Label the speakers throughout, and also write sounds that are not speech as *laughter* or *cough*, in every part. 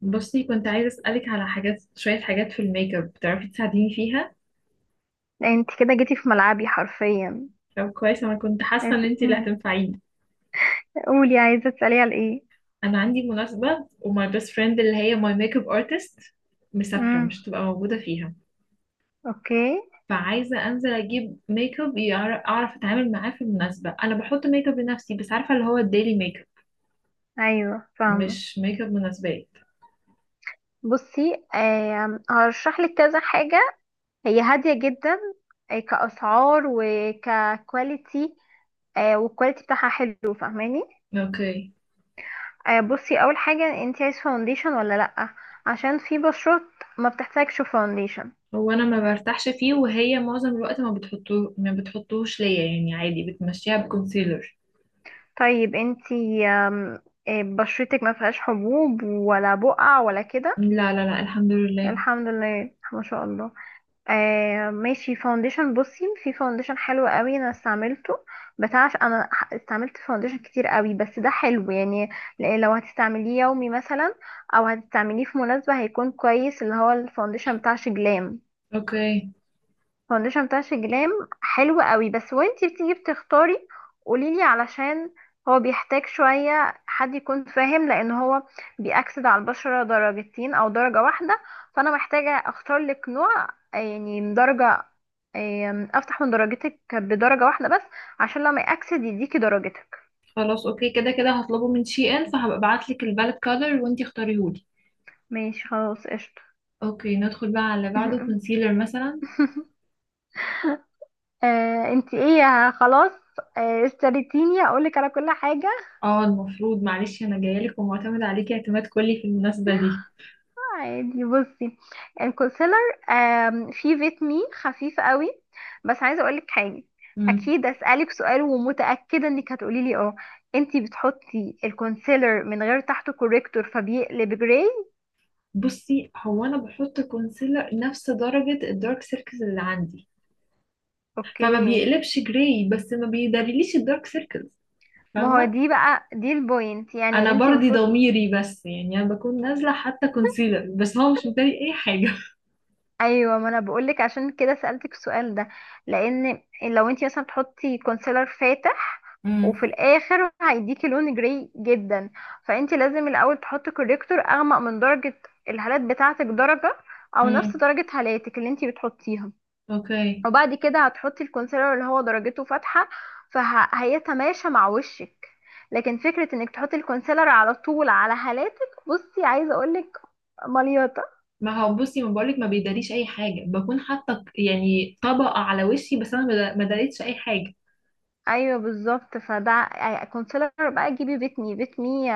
Speaker 1: بصي، كنت عايزة أسألك على حاجات، شوية حاجات في الميك اب بتعرفي تساعديني فيها.
Speaker 2: يعني انت كده جيتي في ملعبي حرفيا.
Speaker 1: طب كويس، أنا كنت حاسة إن
Speaker 2: بس-
Speaker 1: أنتي اللي
Speaker 2: مم.
Speaker 1: هتنفعيني.
Speaker 2: قولي عايزة تسألي على ايه.
Speaker 1: أنا عندي مناسبة وماي بيست فريند اللي هي ماي ميك اب ارتست مسافرة،
Speaker 2: امم،
Speaker 1: مش هتبقى موجودة فيها.
Speaker 2: اوكي.
Speaker 1: فعايزة أنزل أجيب ميك اب، أعرف أتعامل معاه في المناسبة. أنا بحط ميك اب لنفسي بس، عارفة اللي هو الديلي ميك
Speaker 2: ايوه
Speaker 1: اب،
Speaker 2: فاهمة.
Speaker 1: مش ميك اب مناسبات.
Speaker 2: بصي هرشح لك كذا حاجة، هي هادية جدا، كأسعار وككواليتي، والكواليتي بتاعها حلو، فاهماني؟
Speaker 1: أوكي.
Speaker 2: بصي اول حاجة، انت عايز فاونديشن ولا لأ؟ عشان في بشرات ما بتحتاجش فاونديشن.
Speaker 1: هو أنا ما برتاحش فيه، وهي معظم الوقت ما بتحطوه، ما بتحطوهش ليا، يعني عادي بتمشيها بكونسيلر.
Speaker 2: طيب انت بشرتك ما فيهاش حبوب ولا بقع ولا
Speaker 1: لا
Speaker 2: كده؟
Speaker 1: لا لا، الحمد لله.
Speaker 2: الحمد لله ما شاء الله. آه ماشي، فاونديشن، بصي في فاونديشن حلو قوي انا استعملته، بتاع انا استعملت فاونديشن كتير قوي بس ده حلو يعني، لو هتستعمليه يومي مثلا او هتستعمليه في مناسبة هيكون كويس، اللي هو الفاونديشن بتاع شجلام.
Speaker 1: اوكي.
Speaker 2: فاونديشن بتاع شجلام حلو قوي، بس وانتي بتيجي بتختاري قوليلي، علشان هو بيحتاج شوية حد يكون فاهم، لان هو بيأكسد على البشرة درجتين او درجة واحدة، فانا محتاجة اختار لك نوع يعني من درجة، افتح من درجتك بدرجة واحدة بس، عشان لما يأكسد يديكي درجتك.
Speaker 1: خلاص اوكي، كده كده هطلبه من شي ان، فهبقى ابعتلك البالت كولر وانتي اختاريهولي.
Speaker 2: ماشي خلاص قشطة.
Speaker 1: اوكي، ندخل بقى على اللي بعده،
Speaker 2: *laughs*
Speaker 1: كونسيلر مثلا.
Speaker 2: انتي ايه؟ خلاص، اشتريتيني اقولك على كل حاجة.
Speaker 1: اه المفروض، معلش، انا جايلك ومعتمد عليكي اعتماد كلي في المناسبة دي.
Speaker 2: عادي، بصي الكونسيلر فيه فيتامين خفيف قوي، بس عايزه اقولك حاجه،
Speaker 1: امم.
Speaker 2: اكيد اسالك سؤال ومتاكده انك هتقولي لي اه، انتي بتحطي الكونسيلر من غير تحته كوريكتور فبيقلب جراي؟
Speaker 1: بصي، هو انا بحط كونسيلر نفس درجة الدارك سيركلز اللي عندي، فما
Speaker 2: اوكي،
Speaker 1: بيقلبش جراي، بس ما بيداريليش الدارك سيركلز،
Speaker 2: ما هو
Speaker 1: فاهمة.
Speaker 2: دي بقى، البوينت، يعني
Speaker 1: انا
Speaker 2: انتي
Speaker 1: برضي
Speaker 2: المفروض.
Speaker 1: ضميري، بس يعني انا بكون نازلة حتى كونسيلر، بس هو مش مداري اي حاجة.
Speaker 2: ايوه ما انا بقولك، عشان كده سألتك السؤال ده، لان لو انت مثلا تحطي كونسيلر فاتح،
Speaker 1: امم.
Speaker 2: وفي الاخر هيديكي لون جري جدا، فانت لازم الاول تحطي كوريكتور اغمق من درجة الهالات بتاعتك درجة، او نفس
Speaker 1: امم.
Speaker 2: درجة هالاتك اللي انت بتحطيها،
Speaker 1: *laughs* اوكي.
Speaker 2: وبعد كده هتحطي الكونسيلر اللي هو درجته فاتحة، فهيتماشى مع وشك. لكن فكرة انك تحطي الكونسيلر على طول على هالاتك بصي عايزة اقولك مليطة.
Speaker 1: ما هو بصي، ما بقولك، ما بيداريش اي حاجه بكون حاطه، يعني طبقه على وشي، بس انا ما داريتش اي حاجه.
Speaker 2: ايوه بالظبط، فده كونسيلر بقى جيبي بيت مي بيت مي،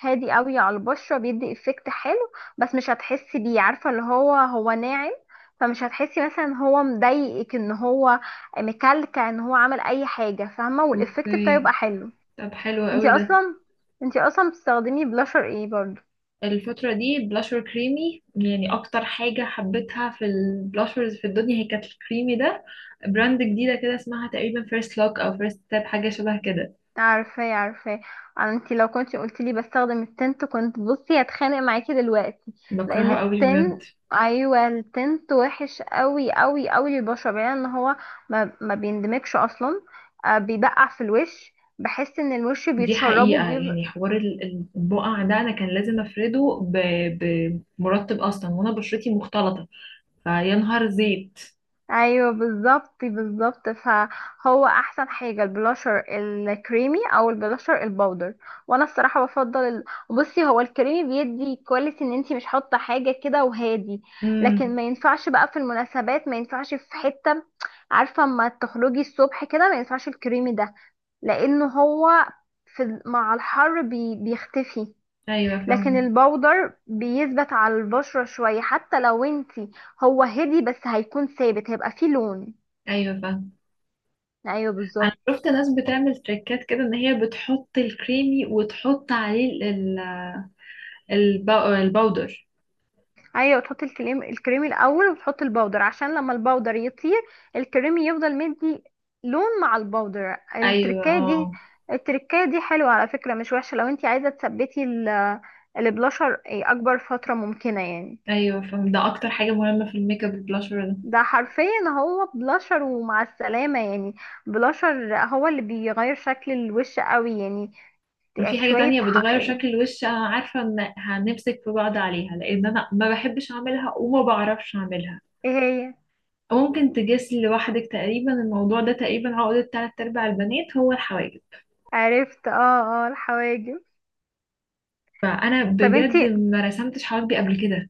Speaker 2: هادي قوي على البشره، بيدي افكت حلو، بس مش هتحسي بيه، عارفه اللي هو هو ناعم، فمش هتحسي مثلا إن هو مضايقك، ان هو مكلكع، ان هو عمل اي حاجه، فاهمه؟ والافكت بتاعه يبقى
Speaker 1: اوكي،
Speaker 2: حلو.
Speaker 1: طب حلو
Speaker 2: انتي
Speaker 1: قوي ده.
Speaker 2: اصلا انتي اصلا بتستخدمي بلاشر ايه برضو؟
Speaker 1: الفتره دي بلاشر كريمي، يعني اكتر حاجه حبيتها في البلاشرز في الدنيا هي كانت الكريمي ده. براند جديده كده، اسمها تقريبا فيرست لوك او فيرست تاب، حاجه شبه كده.
Speaker 2: عارفاه عارفاه، انت لو كنت قلت لي بستخدم التنت كنت بصي هتخانق معاكي دلوقتي، لان
Speaker 1: بكرهها قوي بجد.
Speaker 2: التن ايوه التنت وحش قوي قوي قوي للبشره، بعيدا ان هو ما بيندمجش اصلا، آه بيبقع في الوش، بحس ان الوش
Speaker 1: دي
Speaker 2: بيتشربه.
Speaker 1: حقيقه، يعني حوار البقع ده انا كان لازم افرده بمرطب، اصلا وانا بشرتي مختلطه، فيا نهار زيت.
Speaker 2: ايوه بالظبط بالظبط، فهو احسن حاجه البلاشر الكريمي او البلاشر البودر، وانا الصراحه بفضل بصي هو الكريمي بيدي كواليتي ان انتي مش حاطه حاجه كده، وهادي، لكن ما ينفعش بقى في المناسبات، ما ينفعش في حته، عارفه؟ اما تخرجي الصبح كده ما ينفعش الكريمي ده، لانه هو مع الحر بيختفي.
Speaker 1: ايوه
Speaker 2: لكن
Speaker 1: فاهم.
Speaker 2: البودر بيثبت على البشرة شوية، حتى لو انتي هو هدي، بس هيكون ثابت، هيبقى فيه لون.
Speaker 1: ايوه فاهم.
Speaker 2: ايوه
Speaker 1: انا
Speaker 2: بالظبط.
Speaker 1: شفت ناس بتعمل تريكات كده، ان هي بتحط الكريمي وتحط عليه ال- الباودر.
Speaker 2: ايوه تحطي الكريم الاول وتحطي البودر، عشان لما البودر يطير الكريم يفضل مدي لون مع البودر،
Speaker 1: ايوه.
Speaker 2: التركايه دي.
Speaker 1: اه،
Speaker 2: التركايه دي حلوه على فكره، مش وحشه، لو انتي عايزه تثبتي البلاشر اكبر فتره ممكنه يعني.
Speaker 1: ايوه فاهم، ده اكتر حاجه مهمه في الميك اب، البلاشر ده.
Speaker 2: ده حرفيا هو بلاشر ومع السلامه يعني، بلاشر هو اللي بيغير شكل الوش قوي يعني، يعني
Speaker 1: وفي حاجه
Speaker 2: شوية
Speaker 1: تانية
Speaker 2: حق
Speaker 1: بتغير
Speaker 2: ايه.
Speaker 1: شكل الوش، انا عارفه ان هنمسك في بعض عليها، لان انا ما بحبش اعملها وما بعرفش اعملها.
Speaker 2: هي
Speaker 1: ممكن تجس لوحدك تقريبا. الموضوع ده تقريبا عقدة تلات ارباع البنات، هو الحواجب.
Speaker 2: عرفت، اه اه الحواجب.
Speaker 1: فانا
Speaker 2: طب
Speaker 1: بجد
Speaker 2: انتي
Speaker 1: ما رسمتش حواجبي قبل كده.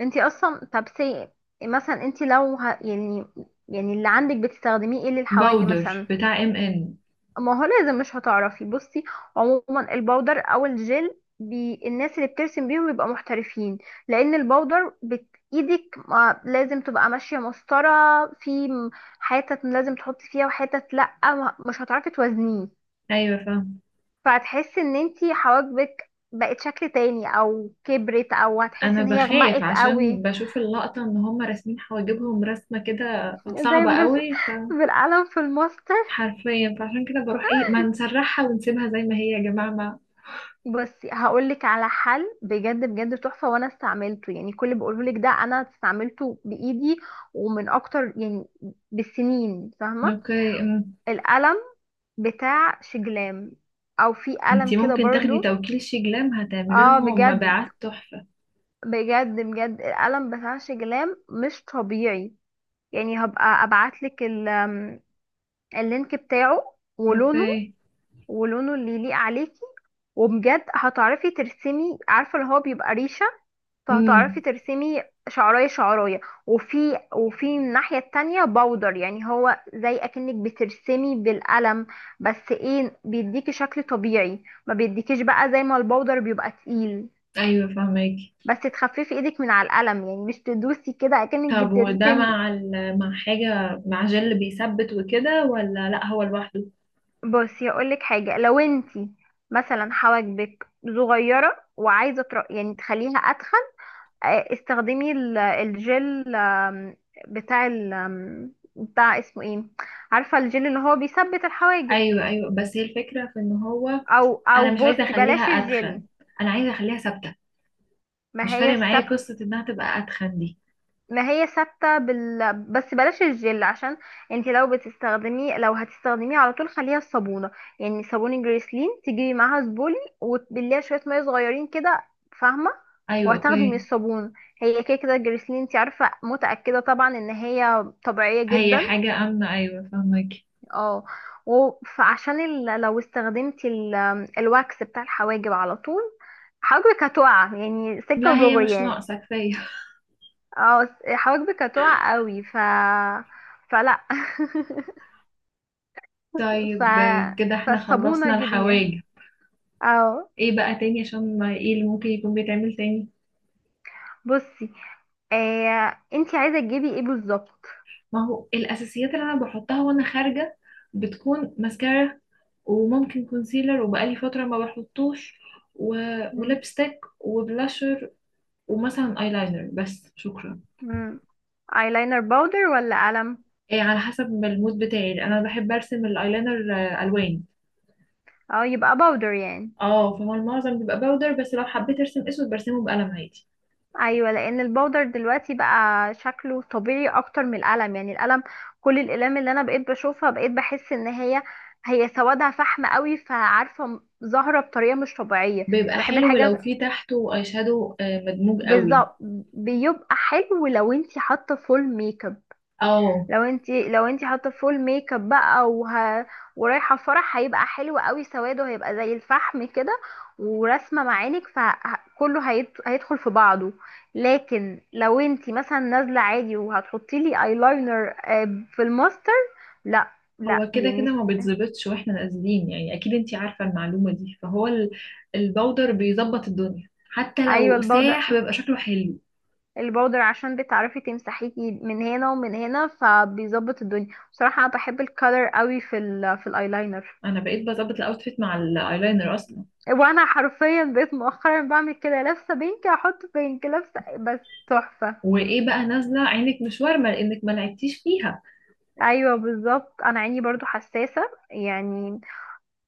Speaker 2: انتي اصلا طب سي مثلا انتي لو يعني، يعني اللي عندك بتستخدميه ايه للحواجب
Speaker 1: باودر
Speaker 2: مثلا؟
Speaker 1: بتاع ام ان.
Speaker 2: ما هو لازم مش هتعرفي، بصي عموما البودر او الجل الناس اللي بترسم بيهم بيبقى محترفين، لان ايدك ما لازم تبقى ماشية مسطرة، في م- حتت لازم تحطي فيها وحتت لأ مش هتعرفي توازنيه،
Speaker 1: ايوه فاهم.
Speaker 2: فهتحسي ان انتي حواجبك بقت شكل تاني او كبرت، او هتحسي
Speaker 1: انا
Speaker 2: ان هي
Speaker 1: بخاف
Speaker 2: غمقت
Speaker 1: عشان
Speaker 2: قوي،
Speaker 1: بشوف اللقطه ان هم راسمين حواجبهم رسمه كده،
Speaker 2: زي
Speaker 1: صعبه
Speaker 2: بال...
Speaker 1: قوي.
Speaker 2: *laughs* بالقلم في الماستر.
Speaker 1: فحرفيا، فعشان كده بروح ايه، ما نسرحها ونسيبها زي ما هي يا جماعه ما.
Speaker 2: بصي هقولك على حل بجد بجد تحفة، وانا استعملته، يعني كل اللي بقولهولك ده انا استعملته بايدي، ومن اكتر يعني بالسنين، فاهمة؟
Speaker 1: اوكي.
Speaker 2: القلم بتاع شجلام، او في قلم
Speaker 1: انتي
Speaker 2: كده
Speaker 1: ممكن تاخدي
Speaker 2: برضو،
Speaker 1: توكيل شجلام، هتعملي
Speaker 2: اه
Speaker 1: لهم
Speaker 2: بجد،
Speaker 1: مبيعات تحفه.
Speaker 2: بجد القلم بتاع شجلام مش طبيعي. يعني هبقى ابعتلك ال- آم، اللينك بتاعه ولونه،
Speaker 1: اوكي.
Speaker 2: ولونه اللي يليق عليكي، وبجد هتعرفي ترسمي، عارفة اللي هو بيبقى ريشة، فهتعرفي
Speaker 1: امم.
Speaker 2: ترسمي شعراية شعراية، وفي الناحية التانية باودر، يعني هو زي اكنك بترسمي بالقلم بس ايه بيديكي شكل طبيعي، ما بيديكيش بقى زي ما الباودر بيبقى تقيل،
Speaker 1: ايوه فاهماكي.
Speaker 2: بس تخففي ايدك من على القلم، يعني مش تدوسي كده اكنك
Speaker 1: طب وده
Speaker 2: بترسمي.
Speaker 1: مع حاجه، مع جل بيثبت وكده، ولا لا هو لوحده؟
Speaker 2: بصي اقولك حاجه، لو انتي مثلا حواجبك صغيره وعايزه يعني تخليها اتخن، استخدمي الجل بتاع ال... آم، بتاع اسمه ايه، عارفه الجل اللي هو بيثبت الحواجب،
Speaker 1: ايوه ايوه، بس هي الفكره في ان هو
Speaker 2: او او
Speaker 1: انا مش عايزه
Speaker 2: بصي
Speaker 1: اخليها
Speaker 2: بلاش
Speaker 1: اتخن،
Speaker 2: الجل،
Speaker 1: انا عايزه اخليها ثابته.
Speaker 2: ما
Speaker 1: مش
Speaker 2: هي
Speaker 1: فارق معايا
Speaker 2: الثبت،
Speaker 1: قصة انها تبقى اتخن دي.
Speaker 2: ما هي ثابتة بس بلاش الجل، عشان انت لو بتستخدميه، لو هتستخدميه على طول، خليها الصابونة، يعني صابون جريسلين تجيبي معاها زبولي، وتبليها شوية مية صغيرين كده، فاهمة؟
Speaker 1: ايوه
Speaker 2: وهتاخدي من
Speaker 1: اوكي.
Speaker 2: الصابون، هي كده كده الجريسلين انت عارفة متأكدة طبعا ان هي طبيعية
Speaker 1: هي
Speaker 2: جدا.
Speaker 1: حاجة امنة، ايوه فاهمك.
Speaker 2: اه، لو استخدمتي الواكس بتاع الحواجب على طول حواجبك هتقع، يعني سكة
Speaker 1: لا، هي
Speaker 2: ودغري
Speaker 1: مش
Speaker 2: يعني،
Speaker 1: ناقصة كفاية. *laughs*
Speaker 2: اه حواجبك هتقع قوي ف، فلا. *laughs* ف،
Speaker 1: طيب كده احنا
Speaker 2: فالصابونة
Speaker 1: خلصنا
Speaker 2: جيبيها.
Speaker 1: الحواجب.
Speaker 2: اه
Speaker 1: ايه بقى تاني؟ عشان ما ايه اللي ممكن يكون بيتعمل تاني؟
Speaker 2: بصي، انتي عايزة تجيبي ايه بالظبط؟
Speaker 1: ما هو الاساسيات اللي انا بحطها وانا خارجة بتكون ماسكارا، وممكن كونسيلر وبقالي فترة ما بحطوش، و...
Speaker 2: مم.
Speaker 1: ولبستك وبلاشر ومثلا ايلاينر بس، شكرا.
Speaker 2: مم. ايلاينر باودر ولا قلم؟
Speaker 1: إيه، على حسب المود بتاعي، انا بحب ارسم الايلاينر الوان.
Speaker 2: اه يبقى باودر يعني،
Speaker 1: اه فهو المعظم بيبقى باودر، بس لو حبيت ارسم اسود برسمه بقلم عادي.
Speaker 2: ايوه لان الباودر دلوقتي بقى شكله طبيعي اكتر من القلم، يعني القلم، كل الاقلام اللي انا بقيت بشوفها بقيت بحس ان هي، هي سوادها فحم قوي، فعارفه ظاهره بطريقه مش طبيعيه.
Speaker 1: بيبقى
Speaker 2: بحب
Speaker 1: حلو لو
Speaker 2: الحاجه،
Speaker 1: في تحته اي شادو مدموج قوي.
Speaker 2: بالظبط، بيبقى حلو لو انت حاطه فول ميك اب،
Speaker 1: اه،
Speaker 2: لو انت حاطه فول ميك اب بقى ورايحه فرح، هيبقى حلو قوي، سواده هيبقى زي الفحم كده، ورسمه معانك، هيدخل في بعضه. لكن لو انت مثلا نازله عادي وهتحطي لي ايلاينر في الماستر، لا، لا
Speaker 1: هو كده
Speaker 2: يعني.
Speaker 1: كده ما بيتظبطش واحنا نازلين، يعني اكيد انتي عارفة المعلومة دي، فهو الباودر بيظبط الدنيا، حتى
Speaker 2: ايوه
Speaker 1: لو
Speaker 2: البودرة،
Speaker 1: ساح بيبقى شكله حلو.
Speaker 2: البودر عشان بتعرفي تمسحيه من هنا ومن هنا فبيظبط الدنيا، بصراحة انا بحب الكالر قوي في الايلاينر.
Speaker 1: انا بقيت بظبط الاوتفيت مع الايلاينر اصلا.
Speaker 2: وانا حرفيا بقيت مؤخرا بعمل كده، لابسة بينك احط بينك، لابسة بس، تحفة.
Speaker 1: وايه بقى نازلة عينك مش وارمة لانك ما لعبتيش فيها.
Speaker 2: ايوه بالظبط، انا عيني برضو حساسة، يعني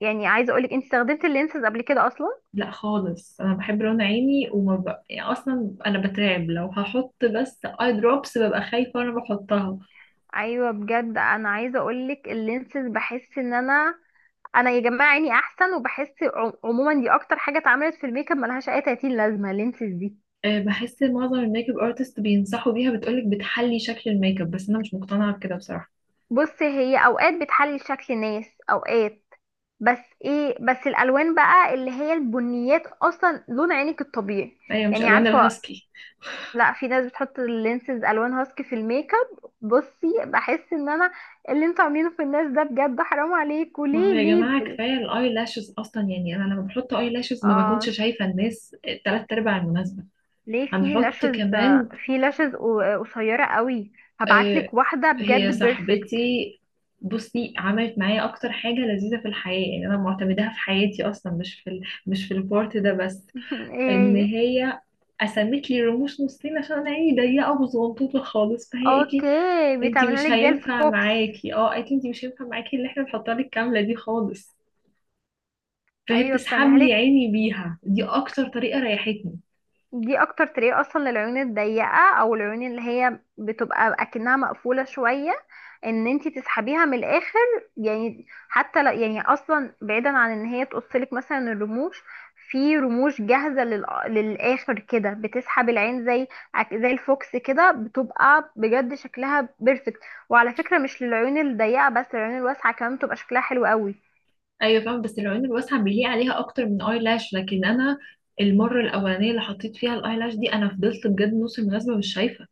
Speaker 2: يعني عايزة اقولك، انت استخدمت اللينسز قبل كده اصلا؟
Speaker 1: لا خالص، انا بحب رنا عيني، يعني اصلا انا بترعب لو هحط بس اي دروبس، ببقى خايفه وانا بحطها.
Speaker 2: ايوه بجد، انا عايزة اقولك اللينسز بحس ان انا، انا يا جماعه عيني احسن، وبحس عموما دي اكتر حاجه اتعملت في الميك اب، ملهاش اي 30 لازمه اللينسز دي.
Speaker 1: أه، بحس معظم الميك اب ارتست بينصحوا بيها، بتقولك بتحلي شكل الميك اب، بس انا مش مقتنعه بكده بصراحه.
Speaker 2: بص هي اوقات بتحلي شكل ناس، اوقات بس ايه، بس الالوان بقى اللي هي البنيات اصلا لون عينك الطبيعي،
Speaker 1: هي مش
Speaker 2: يعني
Speaker 1: الوان
Speaker 2: عارفه،
Speaker 1: الهاسكي.
Speaker 2: لا في ناس بتحط اللينسز الوان هاسكي في الميك اب، بصي بحس ان انا، اللي انتوا عاملينه في الناس ده بجد حرام عليكوا،
Speaker 1: ما هو
Speaker 2: ليه
Speaker 1: يا
Speaker 2: ليه
Speaker 1: جماعه كفايه الاي لاشز اصلا، يعني انا لما بحط اي لاشز ما بكونش
Speaker 2: اه
Speaker 1: شايفه الناس تلات ارباع المناسبه.
Speaker 2: ليه في
Speaker 1: هنحط
Speaker 2: لاشز،
Speaker 1: كمان؟
Speaker 2: في لاشز قصيره قوي،
Speaker 1: آه،
Speaker 2: هبعتلك واحده
Speaker 1: هي
Speaker 2: بجد بيرفكت.
Speaker 1: صاحبتي، بصي، عملت معايا اكتر حاجه لذيذه في الحياه، يعني انا معتمداها في حياتي اصلا، مش في البارت ده بس.
Speaker 2: *laughs*
Speaker 1: ان
Speaker 2: ايه هي؟
Speaker 1: هي قسمت لي رموش نصين عشان انا عيني ضيقه وصغنطوطه خالص، فهي قالت لي
Speaker 2: اوكي
Speaker 1: انتي
Speaker 2: بتعملها
Speaker 1: مش
Speaker 2: لك زي
Speaker 1: هينفع
Speaker 2: الفوكس.
Speaker 1: معاكي، اه قالت لي انتي مش هينفع معاكي اللي احنا بنحطها لك كامله دي خالص. فهي
Speaker 2: ايوه
Speaker 1: بتسحب
Speaker 2: بتعملها
Speaker 1: لي
Speaker 2: لك،
Speaker 1: عيني بيها، دي اكتر طريقه ريحتني.
Speaker 2: دي اكتر طريقة اصلا للعيون الضيقة، او العيون اللي هي بتبقى اكنها مقفولة شوية، ان انتي تسحبيها من الاخر، يعني حتى لو يعني اصلا بعيدا عن ان هي تقصلك مثلا الرموش، في رموش جاهزة للاخر كده بتسحب العين زي، زي الفوكس كده، بتبقى بجد شكلها بيرفكت. وعلى فكرة مش للعيون الضيقة بس، العيون الواسعة كمان بتبقى شكلها حلو قوي.
Speaker 1: ايوه فاهم، بس العيون الواسعه بيليق عليها اكتر من اي لاش، لكن انا المره الاولانيه اللي حطيت فيها الاي لاش دي انا فضلت بجد نص المناسبه مش شايفه،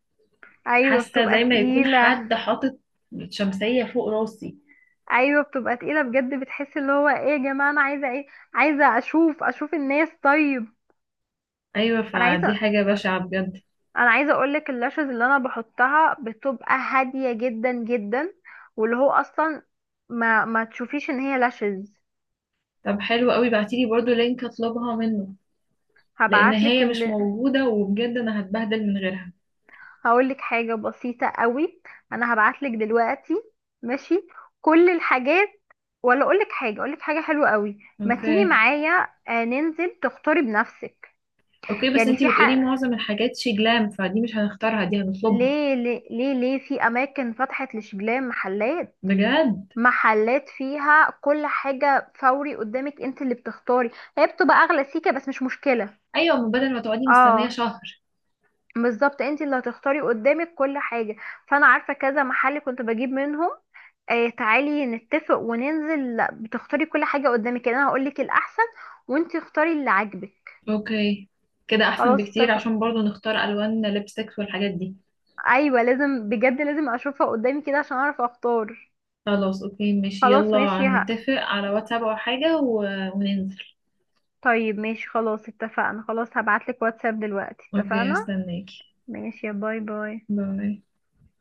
Speaker 2: ايوه
Speaker 1: حاسه
Speaker 2: بتبقى
Speaker 1: زي ما يكون
Speaker 2: تقيلة،
Speaker 1: حد حاطط شمسيه فوق راسي.
Speaker 2: ايوه بتبقى تقيله بجد، بتحس اللي هو ايه يا جماعه، انا عايزه ايه، عايزه اشوف، اشوف الناس، طيب.
Speaker 1: ايوه
Speaker 2: انا
Speaker 1: فدي
Speaker 2: عايزه،
Speaker 1: حاجه بشعه بجد.
Speaker 2: انا عايزه اقول لك، اللاشز اللي انا بحطها بتبقى هاديه جدا جدا، واللي هو اصلا ما ما تشوفيش ان هي لاشز.
Speaker 1: طب حلو قوي، بعتيلي برضو لينك اطلبها منه، لان
Speaker 2: هبعت لك
Speaker 1: هي مش
Speaker 2: اللي،
Speaker 1: موجوده وبجد انا هتبهدل من غيرها.
Speaker 2: هقول لك حاجه بسيطه قوي، انا هبعت لك دلوقتي، ماشي، كل الحاجات، ولا اقول لك حاجه، اقول لك حاجه حلوه قوي، ما تيجي
Speaker 1: اوكي.
Speaker 2: معايا ننزل تختاري بنفسك.
Speaker 1: اوكي، بس
Speaker 2: يعني في
Speaker 1: انتي بتقولي
Speaker 2: حق،
Speaker 1: معظم الحاجات شي جلام، فدي مش هنختارها، دي هنطلبها.
Speaker 2: ليه في اماكن فتحت لشبلان محلات،
Speaker 1: بجد.
Speaker 2: محلات فيها كل حاجة فوري قدامك انت اللي بتختاري، هي بتبقى اغلى سيكة بس مش مشكلة.
Speaker 1: ايوه، من بدل ما تقعدي مستنيه
Speaker 2: اه
Speaker 1: شهر.
Speaker 2: بالظبط، انت اللي هتختاري قدامك كل حاجة، فانا عارفة كذا محل كنت بجيب منهم. آه تعالي نتفق وننزل، لا، بتختاري كل حاجة قدامك، يعني انا هقولك الاحسن، وانت اختاري اللي عاجبك.
Speaker 1: اوكي. كده احسن
Speaker 2: خلاص
Speaker 1: بكتير،
Speaker 2: اتفق،
Speaker 1: عشان برضو نختار الوان لبستكس والحاجات دي.
Speaker 2: ايوه لازم بجد، لازم اشوفها قدامي كده عشان اعرف اختار.
Speaker 1: خلاص اوكي ماشي،
Speaker 2: خلاص
Speaker 1: يلا
Speaker 2: ماشي،
Speaker 1: نتفق على واتساب او حاجة وننزل.
Speaker 2: طيب ماشي خلاص اتفقنا، خلاص هبعتلك واتساب دلوقتي،
Speaker 1: اوكي،
Speaker 2: اتفقنا،
Speaker 1: هستناكي.
Speaker 2: ماشي، يا باي باي.
Speaker 1: باي.